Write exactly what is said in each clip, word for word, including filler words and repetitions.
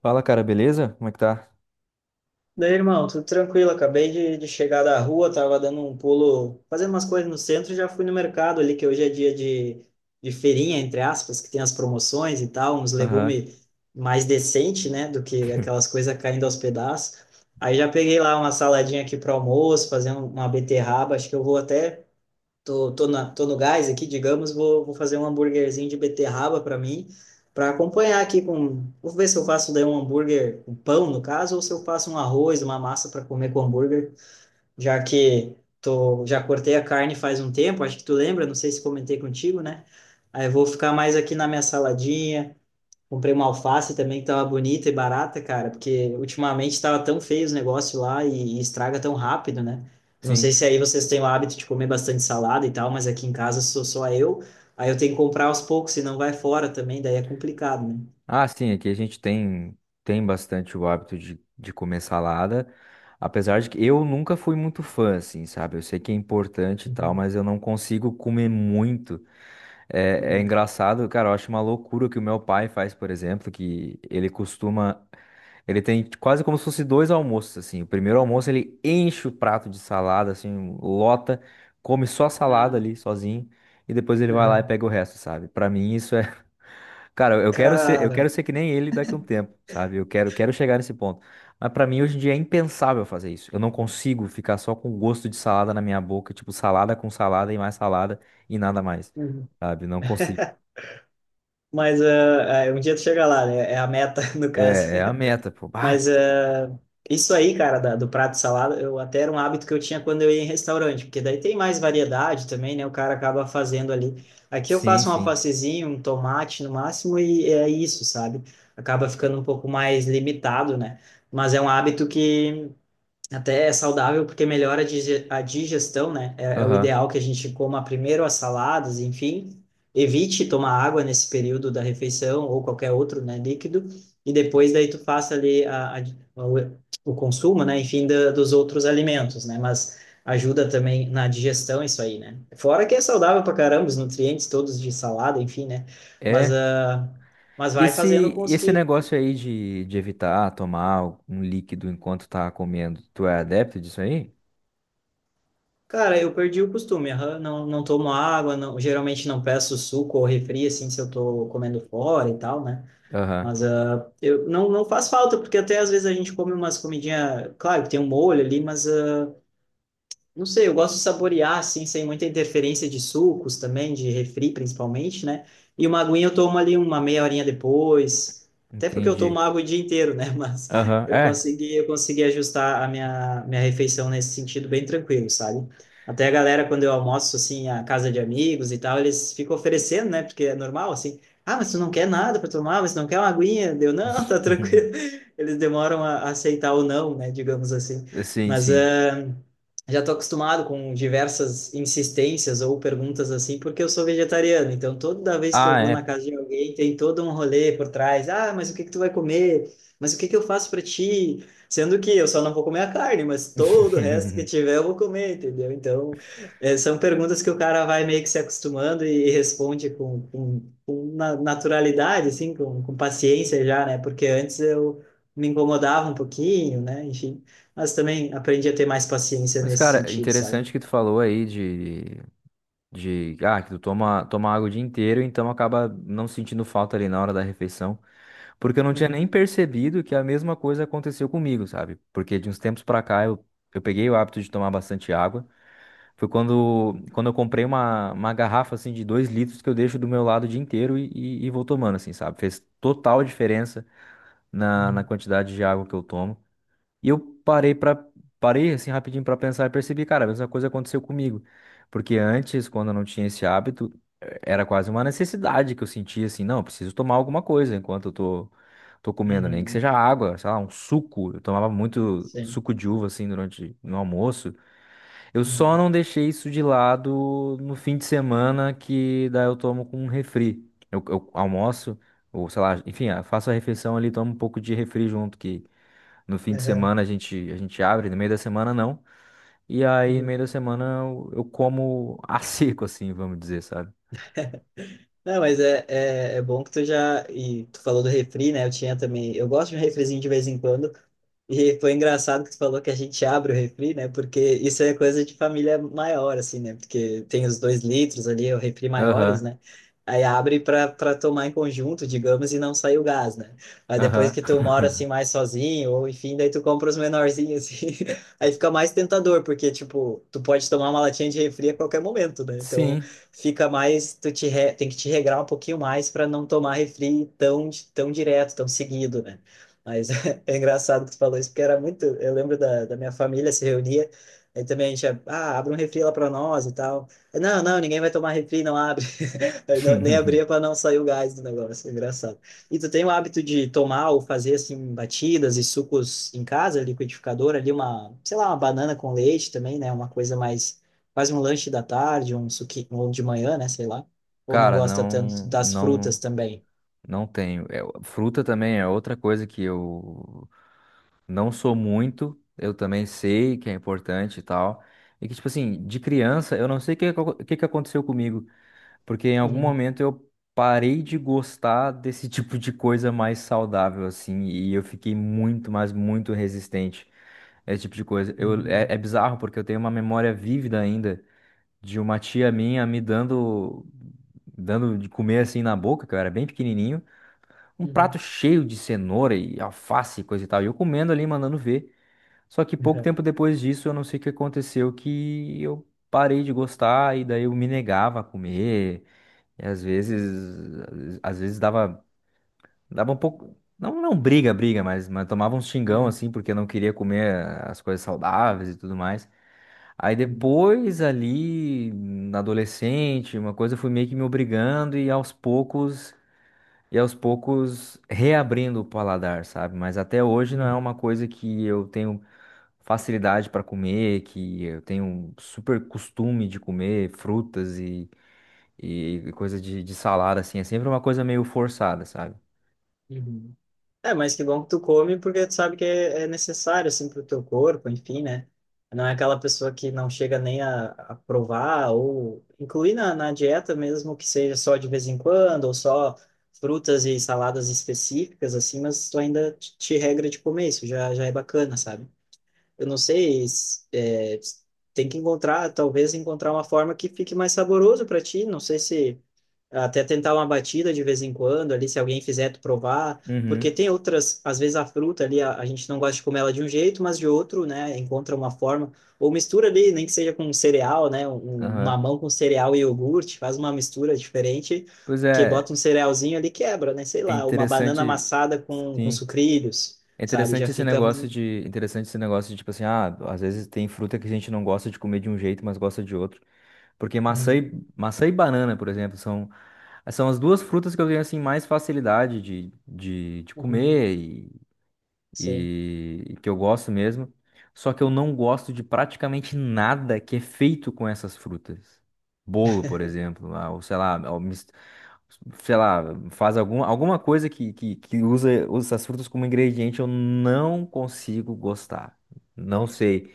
Fala, cara, beleza? Como é que tá? Daí, irmão, tudo tranquilo. Acabei de, de chegar da rua, tava dando um pulo, fazendo umas coisas no centro, e já fui no mercado ali, que hoje é dia de, de feirinha, entre aspas, que tem as promoções e tal, uns Aham. legumes mais decente, né, do que aquelas coisas caindo aos pedaços. Aí já peguei lá uma saladinha aqui para almoço, fazendo uma beterraba, acho que eu vou até... Tô, tô, na, tô no gás aqui, digamos, vou, vou fazer um hambúrguerzinho de beterraba para mim, para acompanhar aqui com. Vou ver se eu faço daí um hambúrguer com pão, no caso, ou se eu faço um arroz, uma massa para comer com hambúrguer, já que tô, já cortei a carne faz um tempo, acho que tu lembra, não sei se comentei contigo, né? Aí eu vou ficar mais aqui na minha saladinha. Comprei uma alface também que tava bonita e barata, cara, porque ultimamente tava tão feio os negócios lá e, e estraga tão rápido, né? Eu não sei Sim. se aí vocês têm o hábito de comer bastante salada e tal, mas aqui em casa sou só eu, aí eu tenho que comprar aos poucos, senão vai fora também, daí é complicado, né? Ah, sim, aqui a gente tem, tem bastante o hábito de, de comer salada. Apesar de que eu nunca fui muito fã, assim, sabe? Eu sei que é importante e tal, Uhum. mas eu não consigo comer muito. É, é Uhum. engraçado, cara, eu acho uma loucura o que o meu pai faz, por exemplo, que ele costuma. Ele tem quase como se fosse dois almoços, assim. O primeiro almoço ele enche o prato de salada, assim, lota, come só a salada Ah, ali sozinho, e depois ele vai lá e uhum. pega o resto, sabe? Pra mim isso é. Cara, eu quero ser, eu Cara, quero ser que nem ele daqui a um tempo, sabe? Eu quero, quero chegar nesse ponto. Mas pra mim hoje em dia é impensável fazer isso. Eu não consigo ficar só com o gosto de salada na minha boca, tipo salada com salada e mais salada e nada mais, uhum. sabe? Não consigo. Mas ah, ah, um dia tu chega lá, né? É a meta, no caso. É, é a meta, pô. Ah, Mas eh, isso aí, cara, da- do prato de salada, eu até era um hábito que eu tinha quando eu ia em restaurante, porque daí tem mais variedade também, né? O cara acaba fazendo ali. Aqui eu sim, faço um sim. alfacezinho, um tomate no máximo, e é isso, sabe? Acaba ficando um pouco mais limitado, né? Mas é um hábito que até é saudável porque melhora a dige- a digestão, né? É, é o Aham. ideal que a gente coma primeiro as saladas, enfim. Evite tomar água nesse período da refeição ou qualquer outro, né, líquido. E depois daí tu faça ali a, a- o, o consumo, né, enfim, da, dos outros alimentos, né? Mas ajuda também na digestão isso aí, né? Fora que é saudável pra caramba, os nutrientes todos de salada, enfim, né? Mas, É. ah, mas E vai fazendo esse, com os esse que... negócio aí de, de evitar tomar um líquido enquanto tá comendo, tu é adepto disso aí? Cara, eu perdi o costume, aham. Não, não tomo água, não, geralmente não peço suco ou refri, assim, se eu tô comendo fora e tal, né? Aham. Mas ah, eu, não, não faz falta, porque até às vezes a gente come umas comidinhas, claro que tem um molho ali, mas ah, não sei, eu gosto de saborear, assim, sem muita interferência de sucos também, de refri principalmente, né? E uma aguinha eu tomo ali uma meia horinha depois, até porque eu tomo Entendi. água o dia inteiro, né? Mas Aham, eu é. consegui, eu consegui ajustar a minha, minha refeição nesse sentido bem tranquilo, sabe? Até a galera, quando eu almoço, assim, a casa de amigos e tal, eles ficam oferecendo, né? Porque é normal, assim, ah, mas tu não quer nada para tomar, mas tu não quer uma aguinha? Deu, não, tá tranquilo. Eles demoram a aceitar ou não, né? Digamos assim. Sim, Mas... sim. ah, já estou acostumado com diversas insistências ou perguntas assim, porque eu sou vegetariano. Então, toda vez que eu Ah, vou na é. casa de alguém, tem todo um rolê por trás. Ah, mas o que que tu vai comer? Mas o que que eu faço para ti? Sendo que eu só não vou comer a carne, mas todo o resto que tiver eu vou comer, entendeu? Então, eh, são perguntas que o cara vai meio que se acostumando e, e responde com, com, com na- naturalidade, assim, com, com paciência já, né? Porque antes eu me incomodava um pouquinho, né? Enfim. Mas também aprendi a ter mais paciência Mas, nesse cara, sentido, sabe? interessante que tu falou aí de De, ah, que tu toma, toma água o dia inteiro, então acaba não sentindo falta ali na hora da refeição. Porque eu não tinha Uhum. nem percebido que a mesma coisa aconteceu comigo, sabe? Porque de uns tempos pra cá eu, eu peguei o hábito de tomar bastante água. Foi quando, quando eu comprei uma, uma garrafa assim de dois litros que eu deixo do meu lado o dia inteiro e, e, e vou tomando, assim, sabe? Fez total diferença na, na Uhum. quantidade de água que eu tomo. E eu parei para parei assim rapidinho para pensar e percebi, cara, a mesma coisa aconteceu comigo. Porque antes, quando eu não tinha esse hábito, eh, era quase uma necessidade que eu sentia assim, não, eu preciso tomar alguma coisa enquanto eu tô tô comendo, nem que Uhum. seja água, sei lá, um suco. Eu tomava muito Sim. suco de uva assim durante no almoço. Eu só Uhum. não deixei isso de lado no fim de semana que daí eu tomo com um refri. Eu, eu almoço ou sei lá, enfim, ah, faço a refeição ali, tomo um pouco de refri junto que no fim de Aham. semana a gente, a gente abre, no meio da semana não. E aí, no Uhum. meio da semana, eu, eu como a seco, assim, vamos dizer, sabe? Não, mas é, é, é bom que tu já... E tu falou do refri, né? Eu tinha também. Eu gosto de um refrizinho de vez em quando. E foi engraçado que tu falou que a gente abre o refri, né? Porque isso é coisa de família maior, assim, né? Porque tem os dois litros ali, é o refri maiores, Aham, né? Aí abre para para tomar em conjunto, digamos, e não sai o gás, né? Mas depois aham. que tu mora assim mais sozinho, ou enfim, daí tu compra os menorzinhos, assim. Aí fica mais tentador, porque, tipo, tu pode tomar uma latinha de refri a qualquer momento, né? Então Sim. fica mais, tu te re- tem que te regrar um pouquinho mais para não tomar refri tão, di- tão direto, tão seguido, né? Mas é engraçado que tu falou isso, porque era muito. Eu lembro da, da minha família se reunia, aí também a gente, ah, abre um refri lá para nós e tal. Não, não, ninguém vai tomar refri, não abre. Eu não- nem abria para não sair o gás do negócio, engraçado. E tu tem o hábito de tomar ou fazer assim batidas e sucos em casa, liquidificador ali uma, sei lá, uma banana com leite também, né? Uma coisa mais quase um lanche da tarde, um suquinho ou de manhã, né, sei lá. Ou não Cara, gosta tanto não, das frutas não, também. não tenho. É, fruta também é outra coisa que eu não sou muito. Eu também sei que é importante e tal. E que, tipo assim, de criança, eu não sei o que, acon- o que que aconteceu comigo. Porque em algum Uhum, momento eu parei de gostar desse tipo de coisa mais saudável, assim, e eu fiquei muito, mas muito resistente a esse tipo de coisa. Eu, é, uhum, é bizarro porque eu tenho uma memória vívida ainda de uma tia minha me dando, dando de comer assim na boca, que eu era bem pequenininho, um prato uhum, cheio de cenoura e alface e coisa e tal, e eu comendo ali, mandando ver. Só que pouco uhum, tempo depois disso, eu não sei o que aconteceu, que eu parei de gostar e daí eu me negava a comer. E às vezes, às vezes dava, dava um pouco, não, não briga, briga, mas, mas tomava um xingão uhum, assim, porque não queria comer as coisas saudáveis e tudo mais. Aí uhum, depois ali, na adolescente, uma coisa eu fui meio que me obrigando e aos poucos, e aos poucos reabrindo o paladar, sabe? Mas até hoje não é uhum. uma coisa que eu tenho facilidade para comer, que eu tenho um super costume de comer frutas e e coisa de, de salário, assim, é sempre uma coisa meio forçada, sabe? Uhum. É, mas que bom que tu come, porque tu sabe que é é necessário, assim, pro teu corpo, enfim, né? Não é aquela pessoa que não chega nem a, a provar ou incluir na, na dieta mesmo que seja só de vez em quando ou só frutas e saladas específicas, assim, mas tu ainda te te regra de comer isso, já, já é bacana, sabe? Eu não sei, se- é, tem que encontrar, talvez encontrar uma forma que fique mais saboroso para ti. Não sei se até tentar uma batida de vez em quando ali, se alguém fizer tu provar, porque Uhum. tem outras, às vezes a fruta ali, a, a gente não gosta de comer ela de um jeito, mas de outro, né? Encontra uma forma, ou mistura ali, nem que seja com cereal, né? Um, um Aham. mamão com cereal e iogurte, faz uma mistura diferente. Pois Que é, bota um cerealzinho ali, e quebra, né? Sei é lá, uma banana interessante, amassada com, com sim. sucrilhos, É sabe? Já interessante esse fica negócio um... de, interessante esse negócio de, tipo assim, ah, às vezes tem fruta que a gente não gosta de comer de um jeito, mas gosta de outro. Porque maçã Uhum, e, maçã e banana, por exemplo, são, são as duas frutas que eu tenho, assim, mais facilidade de, de, de uhum. comer Sim. e que eu gosto mesmo. Só que eu não gosto de praticamente nada que é feito com essas frutas. Bolo, por exemplo, ah, ou sei lá, ou mis- sei lá, faz algum, alguma coisa que, que, que usa, usa essas frutas como ingrediente, eu não consigo gostar. Não sei,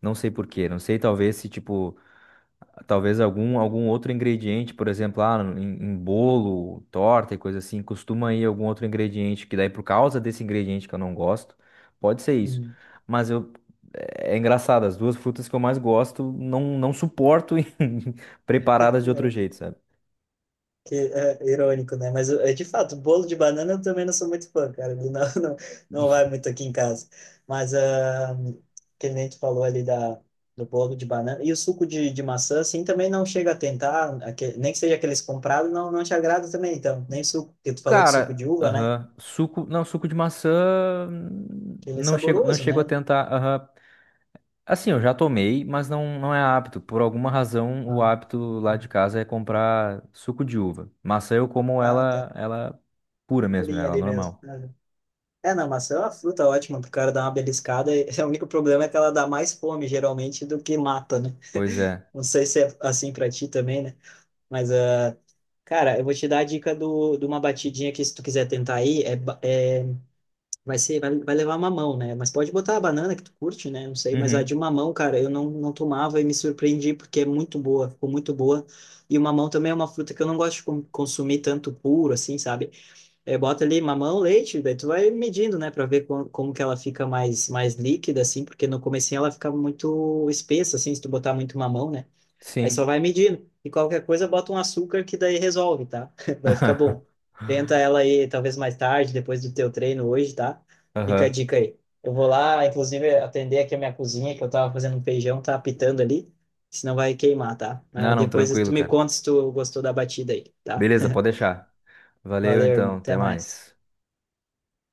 não sei por quê. Não sei, talvez se tipo. Talvez algum, algum outro ingrediente, por exemplo, ah, em, em bolo, torta e coisa assim, costuma ir algum outro ingrediente, que daí por causa desse ingrediente que eu não gosto, pode ser isso. Uhum. Mas eu, é é engraçado, as duas frutas que eu mais gosto, não, não suporto em- preparadas de outro Eu... jeito, sabe? Que é irônico, né? Mas é de fato, bolo de banana eu também não sou muito fã, cara. Ele não, não, não vai muito aqui em casa. Mas ah, que nem tu falou ali da, do bolo de banana. E o suco de, de maçã, assim, também não chega a tentar, aque- nem que seja aqueles comprados, não, não te agrada também, então. Nem suco, porque tu falou do suco Cara, de uva, né? aham, suco, não, suco de maçã, hum, Que ele é não chego, não saboroso, chego a né? tentar, aham. Assim, eu já tomei, mas não, não é hábito. Por alguma razão, o Ah, hábito lá de uhum. casa é comprar suco de uva. Maçã eu como Ah, tá. ela, ela pura mesmo, né? Purinho Ela ali mesmo. normal. É, não, maçã é uma fruta ótima pro cara dar uma beliscada e o único problema é que ela dá mais fome, geralmente, do que mata, né? Pois é. Não sei se é assim pra ti também, né? Mas, ah, cara, eu vou te dar a dica do, de uma batidinha que, se tu quiser tentar aí, é, ba- é, vai ser, vai, vai levar mamão, né? Mas pode botar a banana que tu curte, né? Não sei, mas a de Uhum. mamão, cara, eu não, não tomava e me surpreendi porque é muito boa, ficou muito boa. E o mamão também é uma fruta que eu não gosto de con- consumir tanto puro, assim, sabe? É, bota ali mamão, leite, daí tu vai medindo, né, para ver com, como que ela fica mais, mais, líquida, assim, porque no comecinho ela fica muito espessa, assim, se tu botar muito mamão, né? Aí Sim. só vai medindo. E qualquer coisa, bota um açúcar que daí resolve, tá? Vai ficar bom. Tenta ela aí, talvez mais tarde, depois do teu treino hoje, tá? Fica a Aham. dica aí. Eu vou lá, inclusive, atender aqui a minha cozinha, que eu tava fazendo um feijão, tá apitando ali, senão vai queimar, tá? Ah, Mas não, depois tranquilo, tu me cara. conta se tu gostou da batida aí, tá? Beleza, pode deixar. Valeu Valeu, irmão. então, até Até mais. mais.